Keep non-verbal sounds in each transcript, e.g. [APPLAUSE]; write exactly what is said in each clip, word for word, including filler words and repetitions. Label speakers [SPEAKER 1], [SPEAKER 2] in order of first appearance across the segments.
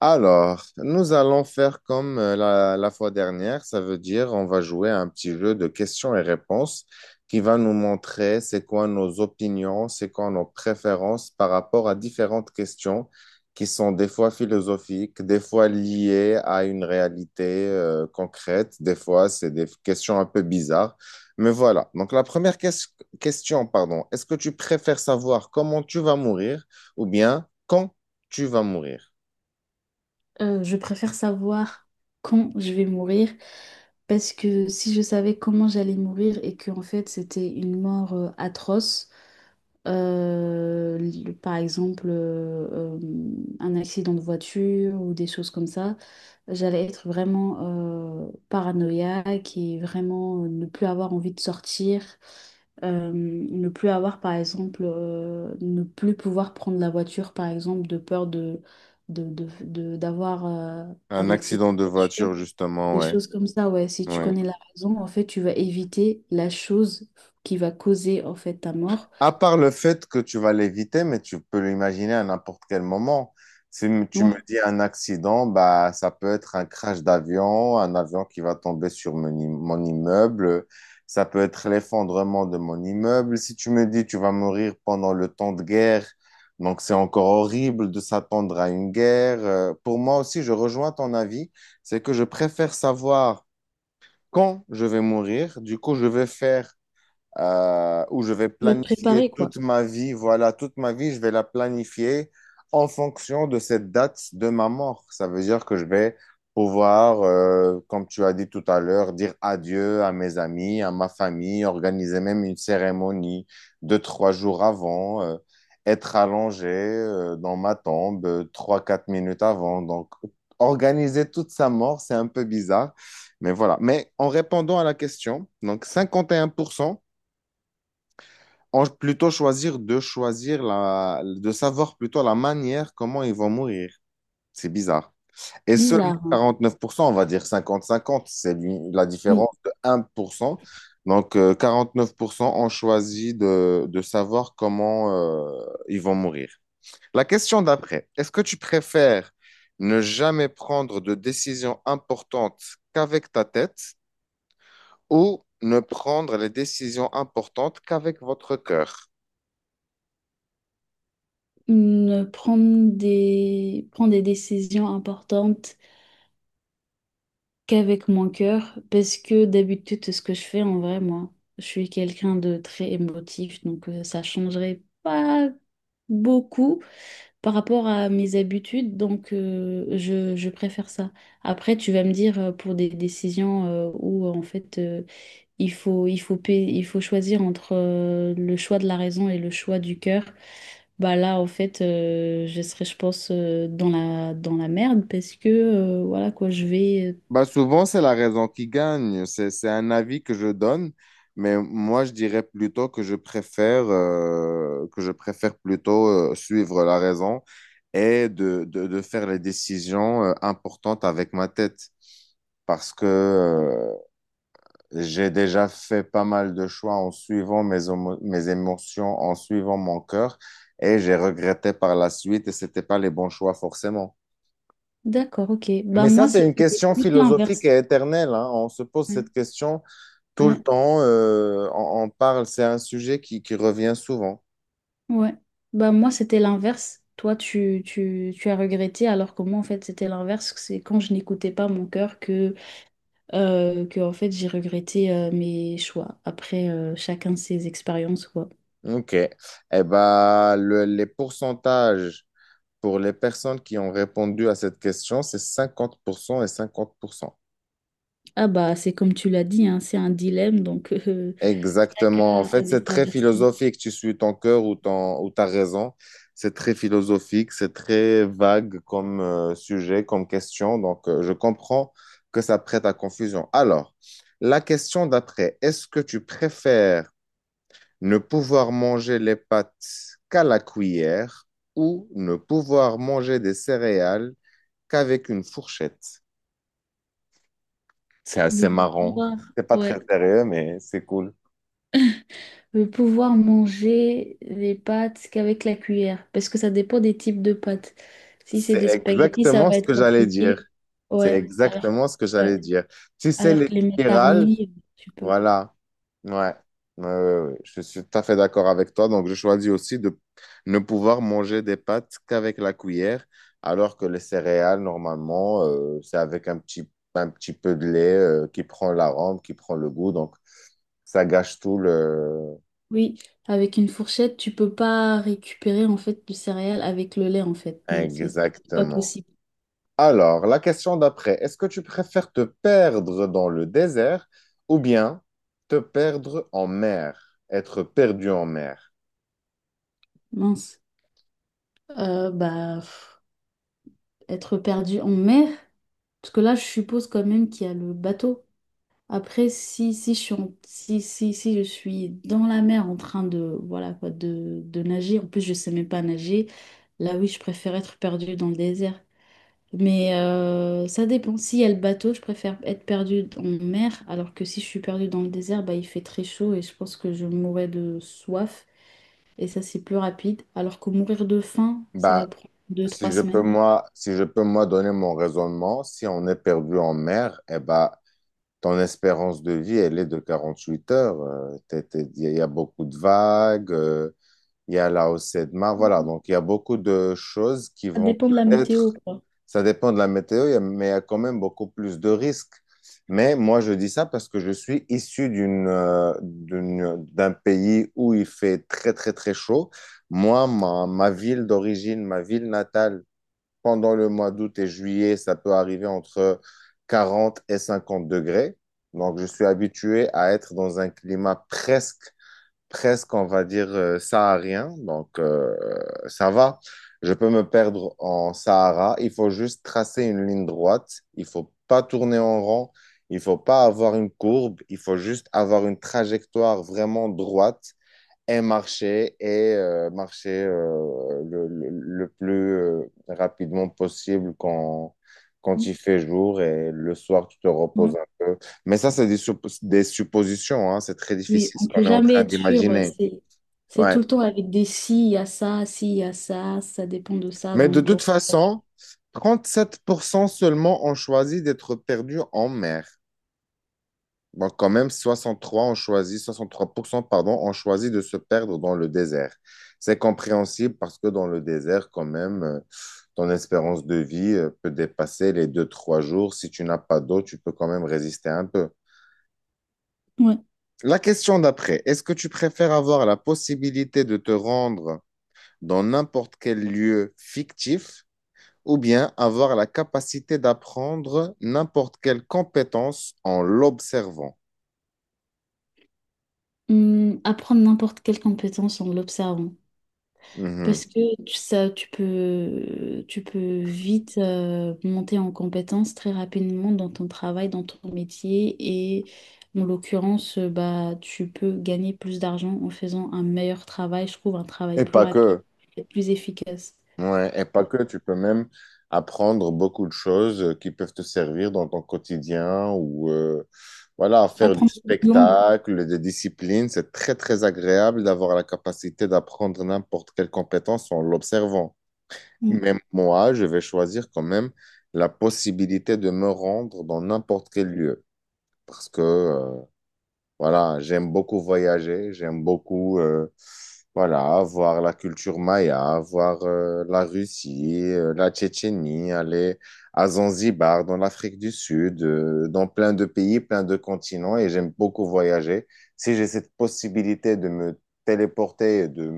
[SPEAKER 1] Alors, nous allons faire comme euh, la, la fois dernière, ça veut dire on va jouer à un petit jeu de questions et réponses qui va nous montrer c'est quoi nos opinions, c'est quoi nos préférences par rapport à différentes questions qui sont des fois philosophiques, des fois liées à une réalité euh, concrète, des fois c'est des questions un peu bizarres. Mais voilà, donc la première ques- question, pardon, est-ce que tu préfères savoir comment tu vas mourir ou bien quand tu vas mourir?
[SPEAKER 2] Euh, je préfère savoir quand je vais mourir parce que si je savais comment j'allais mourir et que en fait c'était une mort euh, atroce, euh, li- par exemple euh, euh, un accident de voiture ou des choses comme ça, j'allais être vraiment euh, paranoïaque et vraiment euh, ne plus avoir envie de sortir, euh, ne plus avoir par exemple, euh, ne plus pouvoir prendre la voiture par exemple de peur de de, de, de- d'avoir euh,
[SPEAKER 1] Un
[SPEAKER 2] un accident
[SPEAKER 1] accident de
[SPEAKER 2] de voiture,
[SPEAKER 1] voiture, justement,
[SPEAKER 2] des
[SPEAKER 1] ouais.
[SPEAKER 2] choses comme ça, ouais. Si tu
[SPEAKER 1] Ouais.
[SPEAKER 2] connais la raison, en fait, tu vas éviter la chose qui va causer, en fait, ta mort.
[SPEAKER 1] À part le fait que tu vas l'éviter, mais tu peux l'imaginer à n'importe quel moment. Si m- Tu me
[SPEAKER 2] Ouais,
[SPEAKER 1] dis un accident, bah, ça peut être un crash d'avion, un avion qui va tomber sur mon, im- mon immeuble, ça peut être l'effondrement de mon immeuble. Si tu me dis tu vas mourir pendant le temps de guerre, donc c'est encore horrible de s'attendre à une guerre. Euh, pour moi aussi, je rejoins ton avis, c'est que je préfère savoir quand je vais mourir. Du coup, je vais faire euh, où je vais
[SPEAKER 2] tu vas te
[SPEAKER 1] planifier
[SPEAKER 2] préparer, quoi.
[SPEAKER 1] toute ma vie. Voilà, toute ma vie, je vais la planifier en fonction de cette date de ma mort. Ça veut dire que je vais pouvoir, euh, comme tu as dit tout à l'heure, dire adieu à mes amis, à ma famille, organiser même une cérémonie deux, trois jours avant, euh, être allongé, euh, dans ma tombe euh, trois, quatre minutes avant. Donc, organiser toute sa mort, c'est un peu bizarre. Mais voilà. Mais en répondant à la question, donc cinquante et un pour cent on plutôt choisir de choisir la, de savoir plutôt la manière comment ils vont mourir. C'est bizarre. Et seulement
[SPEAKER 2] Bizarre, hein.
[SPEAKER 1] quarante-neuf pour cent, on va dire cinquante cinquante, c'est l'u- la
[SPEAKER 2] Oui.
[SPEAKER 1] différence de un pour cent. Donc euh, quarante-neuf pour cent ont choisi de, de savoir comment euh, ils vont mourir. La question d'après, est-ce que tu préfères ne jamais prendre de décisions importantes qu'avec ta tête ou ne prendre les décisions importantes qu'avec votre cœur?
[SPEAKER 2] Hum, prendre des, prendre des décisions importantes qu'avec mon cœur, parce que d'habitude, ce que je fais en vrai, moi, je suis quelqu'un de très émotif, donc euh, ça changerait pas beaucoup par rapport à mes habitudes, donc euh, je, je préfère ça. Après, tu vas me dire euh, pour des décisions euh, où en fait euh, il faut, il faut, pa- il faut choisir entre euh, le choix de la raison et le choix du cœur, bah là en fait euh, je serais je pense euh, dans la, dans la merde parce que euh, voilà quoi, je vais euh,
[SPEAKER 1] Bah souvent, c'est la raison qui gagne. C'est, c'est un avis que je donne, mais moi, je dirais plutôt que je préfère, euh, que je préfère plutôt euh, suivre la raison et de, de, de faire les décisions euh, importantes avec ma tête. Parce que euh, j'ai déjà fait pas mal de choix en suivant mes, homo- mes émotions, en suivant mon cœur, et j'ai regretté par la suite, et c'était pas les bons choix forcément.
[SPEAKER 2] D'accord, ok. Bah
[SPEAKER 1] Mais ça,
[SPEAKER 2] moi,
[SPEAKER 1] c'est une
[SPEAKER 2] c'était
[SPEAKER 1] question
[SPEAKER 2] plus
[SPEAKER 1] philosophique
[SPEAKER 2] l'inverse.
[SPEAKER 1] et éternelle, hein. On se pose
[SPEAKER 2] Ouais,
[SPEAKER 1] cette question tout le
[SPEAKER 2] ouais.
[SPEAKER 1] temps, euh, on, on parle, c'est un sujet qui, qui revient souvent.
[SPEAKER 2] Ouais. Bah moi, c'était l'inverse. Toi, tu, tu, tu as regretté, alors que moi, en fait, c'était l'inverse. C'est quand je n'écoutais pas mon cœur que, euh, que en fait, j'ai regretté euh, mes choix. Après, euh, chacun ses expériences, quoi.
[SPEAKER 1] OK. Eh ben, le- les pourcentages pour les personnes qui ont répondu à cette question, c'est cinquante pour cent et cinquante pour cent.
[SPEAKER 2] Ah bah, c'est comme tu l'as dit, hein, c'est un dilemme, donc [LAUGHS] euh,
[SPEAKER 1] Exactement. En
[SPEAKER 2] chacun
[SPEAKER 1] fait,
[SPEAKER 2] avait
[SPEAKER 1] c'est
[SPEAKER 2] sa
[SPEAKER 1] très
[SPEAKER 2] version
[SPEAKER 1] philosophique. Tu suis ton cœur ou, ton, ou ta raison. C'est très philosophique, c'est très vague comme euh, sujet, comme question. Donc, euh, je comprends que ça prête à confusion. Alors, la question d'après, est-ce que tu préfères ne pouvoir manger les pâtes qu'à la cuillère ou ne pouvoir manger des céréales qu'avec une fourchette. C'est assez
[SPEAKER 2] du
[SPEAKER 1] marrant.
[SPEAKER 2] pouvoir.
[SPEAKER 1] C'est pas très
[SPEAKER 2] Ouais.
[SPEAKER 1] sérieux, mais c'est cool.
[SPEAKER 2] Je vais pouvoir manger les pâtes qu'avec la cuillère, parce que ça dépend des types de pâtes. Si c'est
[SPEAKER 1] C'est
[SPEAKER 2] des spaghettis, ça
[SPEAKER 1] exactement
[SPEAKER 2] va
[SPEAKER 1] ce
[SPEAKER 2] être
[SPEAKER 1] que j'allais
[SPEAKER 2] compliqué.
[SPEAKER 1] dire. C'est
[SPEAKER 2] Ouais, alors,
[SPEAKER 1] exactement ce que
[SPEAKER 2] ouais.
[SPEAKER 1] j'allais dire. Tu sais,
[SPEAKER 2] Alors
[SPEAKER 1] les
[SPEAKER 2] que les
[SPEAKER 1] spirales.
[SPEAKER 2] macaronis, tu peux.
[SPEAKER 1] Voilà. Ouais. Ouais, ouais, ouais. Je suis tout à fait d'accord avec toi. Donc, je choisis aussi de ne pouvoir manger des pâtes qu'avec la cuillère, alors que les céréales, normalement, euh, c'est avec un petit, un petit peu de lait euh, qui prend l'arôme, qui prend le goût. Donc, ça gâche tout le...
[SPEAKER 2] Oui, avec une fourchette, tu peux pas récupérer en fait du céréales avec le lait en fait. Non, c'est c'est pas
[SPEAKER 1] Exactement.
[SPEAKER 2] possible.
[SPEAKER 1] Alors, la question d'après, est-ce que tu préfères te perdre dans le désert ou bien te perdre en mer, être perdu en mer?
[SPEAKER 2] Mince. Euh, bah, pff, être perdu en mer, parce que là, je suppose quand même qu'il y a le bateau. Après, si, si, je suis en- si, si, si je suis dans la mer en train de, voilà, quoi, de, de nager, en plus je ne sais même pas nager, là oui, je préfère être perdue dans le désert. Mais euh, ça dépend. S'il y a le bateau, je préfère être perdue en mer, alors que si je suis perdue dans le désert, bah, il fait très chaud et je pense que je mourrais de soif. Et ça, c'est plus rapide. Alors que mourir de faim, ça va
[SPEAKER 1] Bah,
[SPEAKER 2] prendre deux, trois
[SPEAKER 1] si je peux
[SPEAKER 2] semaines.
[SPEAKER 1] moi, si je peux moi donner mon raisonnement, si on est perdu en mer, eh bah, ton espérance de vie, elle est de quarante-huit heures. Euh, t'es- t'es- Il y a beaucoup de vagues, euh, il y a la hausse de mar Voilà, donc il y a beaucoup de choses qui
[SPEAKER 2] Ça
[SPEAKER 1] vont
[SPEAKER 2] dépend de la météo,
[SPEAKER 1] peut-être,
[SPEAKER 2] quoi.
[SPEAKER 1] ça dépend de la météo, il y a- mais il y a quand même beaucoup plus de risques. Mais moi, je dis ça parce que je suis issu d'une, euh, d'une- d'un pays où il fait très, très, très chaud. Moi, ma, ma ville d'origine, ma ville natale, pendant le mois d'août et juillet, ça peut arriver entre quarante et cinquante degrés. Donc, je suis habitué à être dans un climat presque presque, on va dire, euh, saharien. Donc, euh, ça va. Je peux me perdre en Sahara. Il faut juste tracer une ligne droite. Il faut pas tourner en rond. Il faut pas avoir une courbe. Il faut juste avoir une trajectoire vraiment droite et marcher et euh, marcher euh, le, le- le plus euh, rapidement possible quand, quand il fait jour et le soir, tu te
[SPEAKER 2] Mm.
[SPEAKER 1] reposes un peu. Mais ça, c'est des, suppo- des suppositions, hein, c'est très
[SPEAKER 2] Oui,
[SPEAKER 1] difficile
[SPEAKER 2] on
[SPEAKER 1] ce qu'on
[SPEAKER 2] peut
[SPEAKER 1] est en
[SPEAKER 2] jamais
[SPEAKER 1] train
[SPEAKER 2] être sûr.
[SPEAKER 1] d'imaginer.
[SPEAKER 2] C'est, c'est tout
[SPEAKER 1] Ouais.
[SPEAKER 2] le temps avec des si, il y a ça, si, il y a ça, ça dépend de ça.
[SPEAKER 1] Mais de
[SPEAKER 2] Donc, euh,
[SPEAKER 1] toute façon, trente-sept pour cent seulement ont choisi d'être perdus en mer. Bon, quand même, soixante trois ont choisi, soixante trois pour cent, pardon, ont choisi de se perdre dans le désert. C'est compréhensible parce que dans le désert, quand même, euh, ton espérance de vie euh, peut dépasser les deux trois jours. Si tu n'as pas d'eau, tu peux quand même résister un peu.
[SPEAKER 2] ouais.
[SPEAKER 1] La question d'après, est-ce que tu préfères avoir la possibilité de te rendre dans n'importe quel lieu fictif ou bien avoir la capacité d'apprendre n'importe quelle compétence en l'observant?
[SPEAKER 2] Hum, apprendre n'importe quelle compétence en l'observant.
[SPEAKER 1] Mhm.
[SPEAKER 2] Parce que tu- ça, tu peux, tu peux vite euh, monter en compétence très rapidement dans ton travail, dans ton métier. Et en l'occurrence, euh, bah, tu peux gagner plus d'argent en faisant un meilleur travail, je trouve, un travail
[SPEAKER 1] Et
[SPEAKER 2] plus
[SPEAKER 1] pas
[SPEAKER 2] rapide
[SPEAKER 1] que.
[SPEAKER 2] et plus efficace.
[SPEAKER 1] Ouais, et pas
[SPEAKER 2] Ouais.
[SPEAKER 1] que, tu peux même apprendre beaucoup de choses euh, qui peuvent te servir dans ton quotidien ou euh, voilà, faire du
[SPEAKER 2] Apprendre beaucoup de langues.
[SPEAKER 1] spectacle, des disciplines. C'est très, très agréable d'avoir la capacité d'apprendre n'importe quelle compétence en l'observant. Mais moi, je vais choisir quand même la possibilité de me rendre dans n'importe quel lieu parce que euh, voilà, j'aime beaucoup voyager, j'aime beaucoup euh, voilà, voir la culture maya, voir euh, la Russie, euh, la Tchétchénie, aller à Zanzibar, dans l'Afrique du Sud, euh, dans plein de pays, plein de continents, et j'aime beaucoup voyager. Si j'ai cette possibilité de me téléporter, et de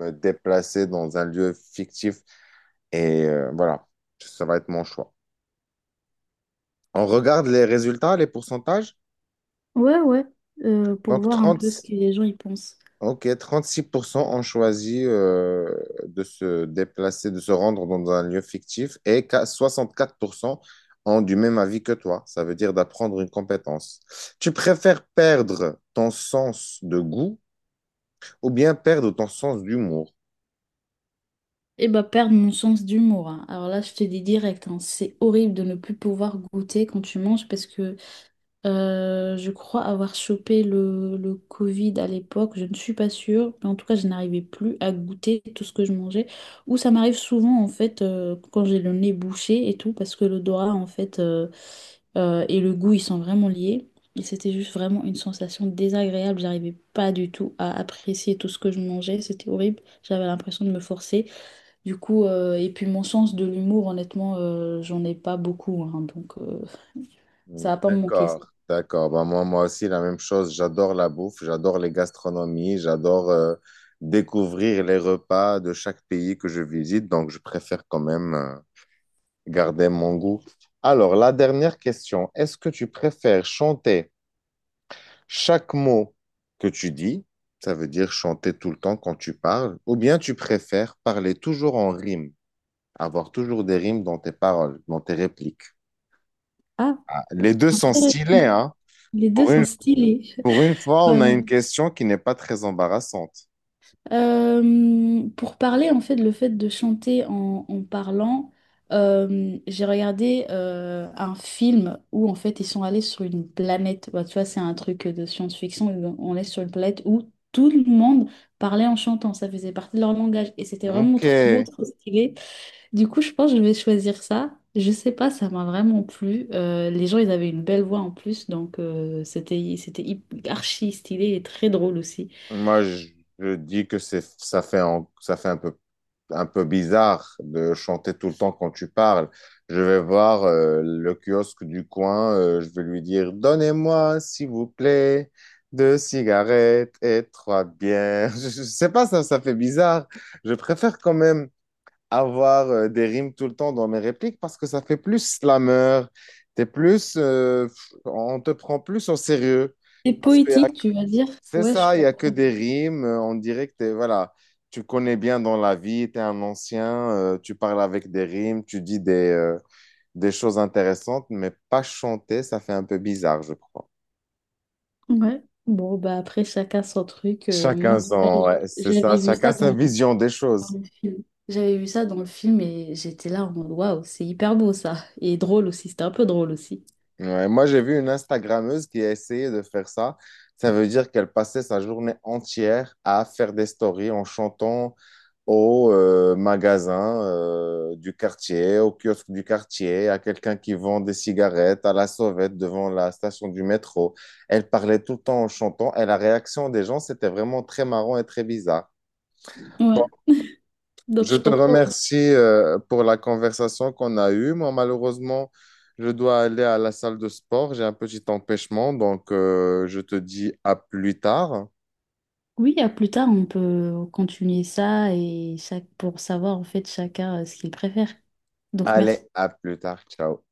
[SPEAKER 1] me déplacer dans un lieu fictif, et euh, voilà, ça va être mon choix. On regarde les résultats, les pourcentages.
[SPEAKER 2] Ouais, ouais, euh, pour
[SPEAKER 1] Donc
[SPEAKER 2] voir un peu ce que
[SPEAKER 1] trente.
[SPEAKER 2] les gens y pensent.
[SPEAKER 1] Ok, trente-six pour cent ont choisi euh, de se déplacer, de se rendre dans un lieu fictif et qu'à soixante-quatre pour cent ont du même avis que toi. Ça veut dire d'apprendre une compétence. Tu préfères perdre ton sens de goût ou bien perdre ton sens d'humour?
[SPEAKER 2] Et bah, perdre mon sens d'humour. Hein. Alors là, je te dis direct, hein, c'est horrible de ne plus pouvoir goûter quand tu manges parce que Euh, je crois avoir chopé le, le Covid à l'époque, je ne suis pas sûre, mais en tout cas, je n'arrivais plus à goûter tout ce que je mangeais. Ou ça m'arrive souvent, en fait, euh, quand j'ai le nez bouché et tout, parce que l'odorat, en fait, euh, euh, et le goût, ils sont vraiment liés. Et c'était juste vraiment une sensation désagréable, j'arrivais pas du tout à apprécier tout ce que je mangeais, c'était horrible, j'avais l'impression de me forcer. Du coup, euh, et puis mon sens de l'humour, honnêtement, euh, j'en ai pas beaucoup, hein, donc euh,
[SPEAKER 1] Hmm,
[SPEAKER 2] ça va pas me manquer.
[SPEAKER 1] d'accord, d'accord. Bah, moi, moi aussi, la même chose. J'adore la bouffe, j'adore les gastronomies, j'adore euh, découvrir les repas de chaque pays que je visite. Donc, je préfère quand même. euh, garder mon goût. Alors, la dernière question, est-ce que tu préfères chanter chaque mot que tu dis, ça veut dire chanter tout le temps quand tu parles, ou bien tu préfères parler toujours en rime, avoir toujours des rimes dans tes paroles, dans tes répliques?
[SPEAKER 2] Ça.
[SPEAKER 1] Ah, les deux sont stylés,
[SPEAKER 2] Intéressant.
[SPEAKER 1] hein?
[SPEAKER 2] Les deux
[SPEAKER 1] Pour
[SPEAKER 2] sont
[SPEAKER 1] une,
[SPEAKER 2] stylés.
[SPEAKER 1] pour une fois,
[SPEAKER 2] Ouais,
[SPEAKER 1] on a
[SPEAKER 2] ouais.
[SPEAKER 1] une question qui n'est pas très embarrassante.
[SPEAKER 2] Euh, pour parler en fait le fait de chanter en, en parlant, euh, j'ai regardé euh, un film où en fait ils sont allés sur une planète. Bah, tu vois, c'est un truc de science-fiction. On est sur une planète où tout le monde parlait en chantant. Ça faisait partie de leur langage et c'était vraiment
[SPEAKER 1] Ok,
[SPEAKER 2] trop beau, trop stylé. Du coup, je pense que je vais choisir ça. Je sais pas, ça m'a vraiment plu. Euh, les gens, ils avaient une belle voix en plus, donc euh, c'était c'était hyp- archi stylé et très drôle aussi.
[SPEAKER 1] moi je, je dis que c'est, ça fait, un- ça fait un peu un peu bizarre de chanter tout le temps quand tu parles. Je vais voir euh, le kiosque du coin, euh, je vais lui dire, Donnez-moi, s'il vous plaît, deux cigarettes et trois bières. [LAUGHS] Je, je sais pas, ça, ça fait bizarre. Je préfère quand même avoir euh, des rimes tout le temps dans mes répliques parce que ça fait plus slammer. T'es plus, euh, on te prend plus au sérieux.
[SPEAKER 2] C'est
[SPEAKER 1] Parce que
[SPEAKER 2] poétique, tu vas dire?
[SPEAKER 1] c'est
[SPEAKER 2] Ouais, je
[SPEAKER 1] ça, il n'y a que
[SPEAKER 2] comprends.
[SPEAKER 1] des rimes. euh, On dirait que t'es- voilà, tu connais bien dans la vie, tu es un ancien, euh, tu parles avec des rimes, tu dis des, euh, des choses intéressantes, mais pas chanter, ça fait un peu bizarre, je crois.
[SPEAKER 2] Ouais. Bon, bah après, chacun son truc. Euh, moi, en
[SPEAKER 1] Chacun
[SPEAKER 2] tout cas,
[SPEAKER 1] son,
[SPEAKER 2] j-
[SPEAKER 1] ouais, c'est ça,
[SPEAKER 2] j'avais vu
[SPEAKER 1] chacun
[SPEAKER 2] ça
[SPEAKER 1] sa
[SPEAKER 2] dans,
[SPEAKER 1] vision des choses.
[SPEAKER 2] dans le film. J'avais vu ça dans le film et j'étais là en mode waouh, c'est hyper beau ça. Et drôle aussi, c'était un peu drôle aussi.
[SPEAKER 1] Ouais, moi, j'ai vu une Instagrammeuse qui a essayé de faire ça. Ça veut dire qu'elle passait sa journée entière à faire des stories en chantant au euh, magasin euh, du quartier, au kiosque du quartier, à quelqu'un qui vend des cigarettes, à la sauvette devant la station du métro. Elle parlait tout le temps en chantant et la réaction des gens, c'était vraiment très marrant et très bizarre.
[SPEAKER 2] Ouais.
[SPEAKER 1] Bon,
[SPEAKER 2] Donc
[SPEAKER 1] je
[SPEAKER 2] je
[SPEAKER 1] te
[SPEAKER 2] comprends.
[SPEAKER 1] remercie euh, pour la conversation qu'on a eue. Moi, malheureusement, je dois aller à la salle de sport. J'ai un petit empêchement, donc euh, je te dis à plus tard.
[SPEAKER 2] Oui, à plus tard, on peut continuer ça et chaque pour savoir en fait chacun euh, ce qu'il préfère. Donc merci.
[SPEAKER 1] Allez, à plus tard. Ciao.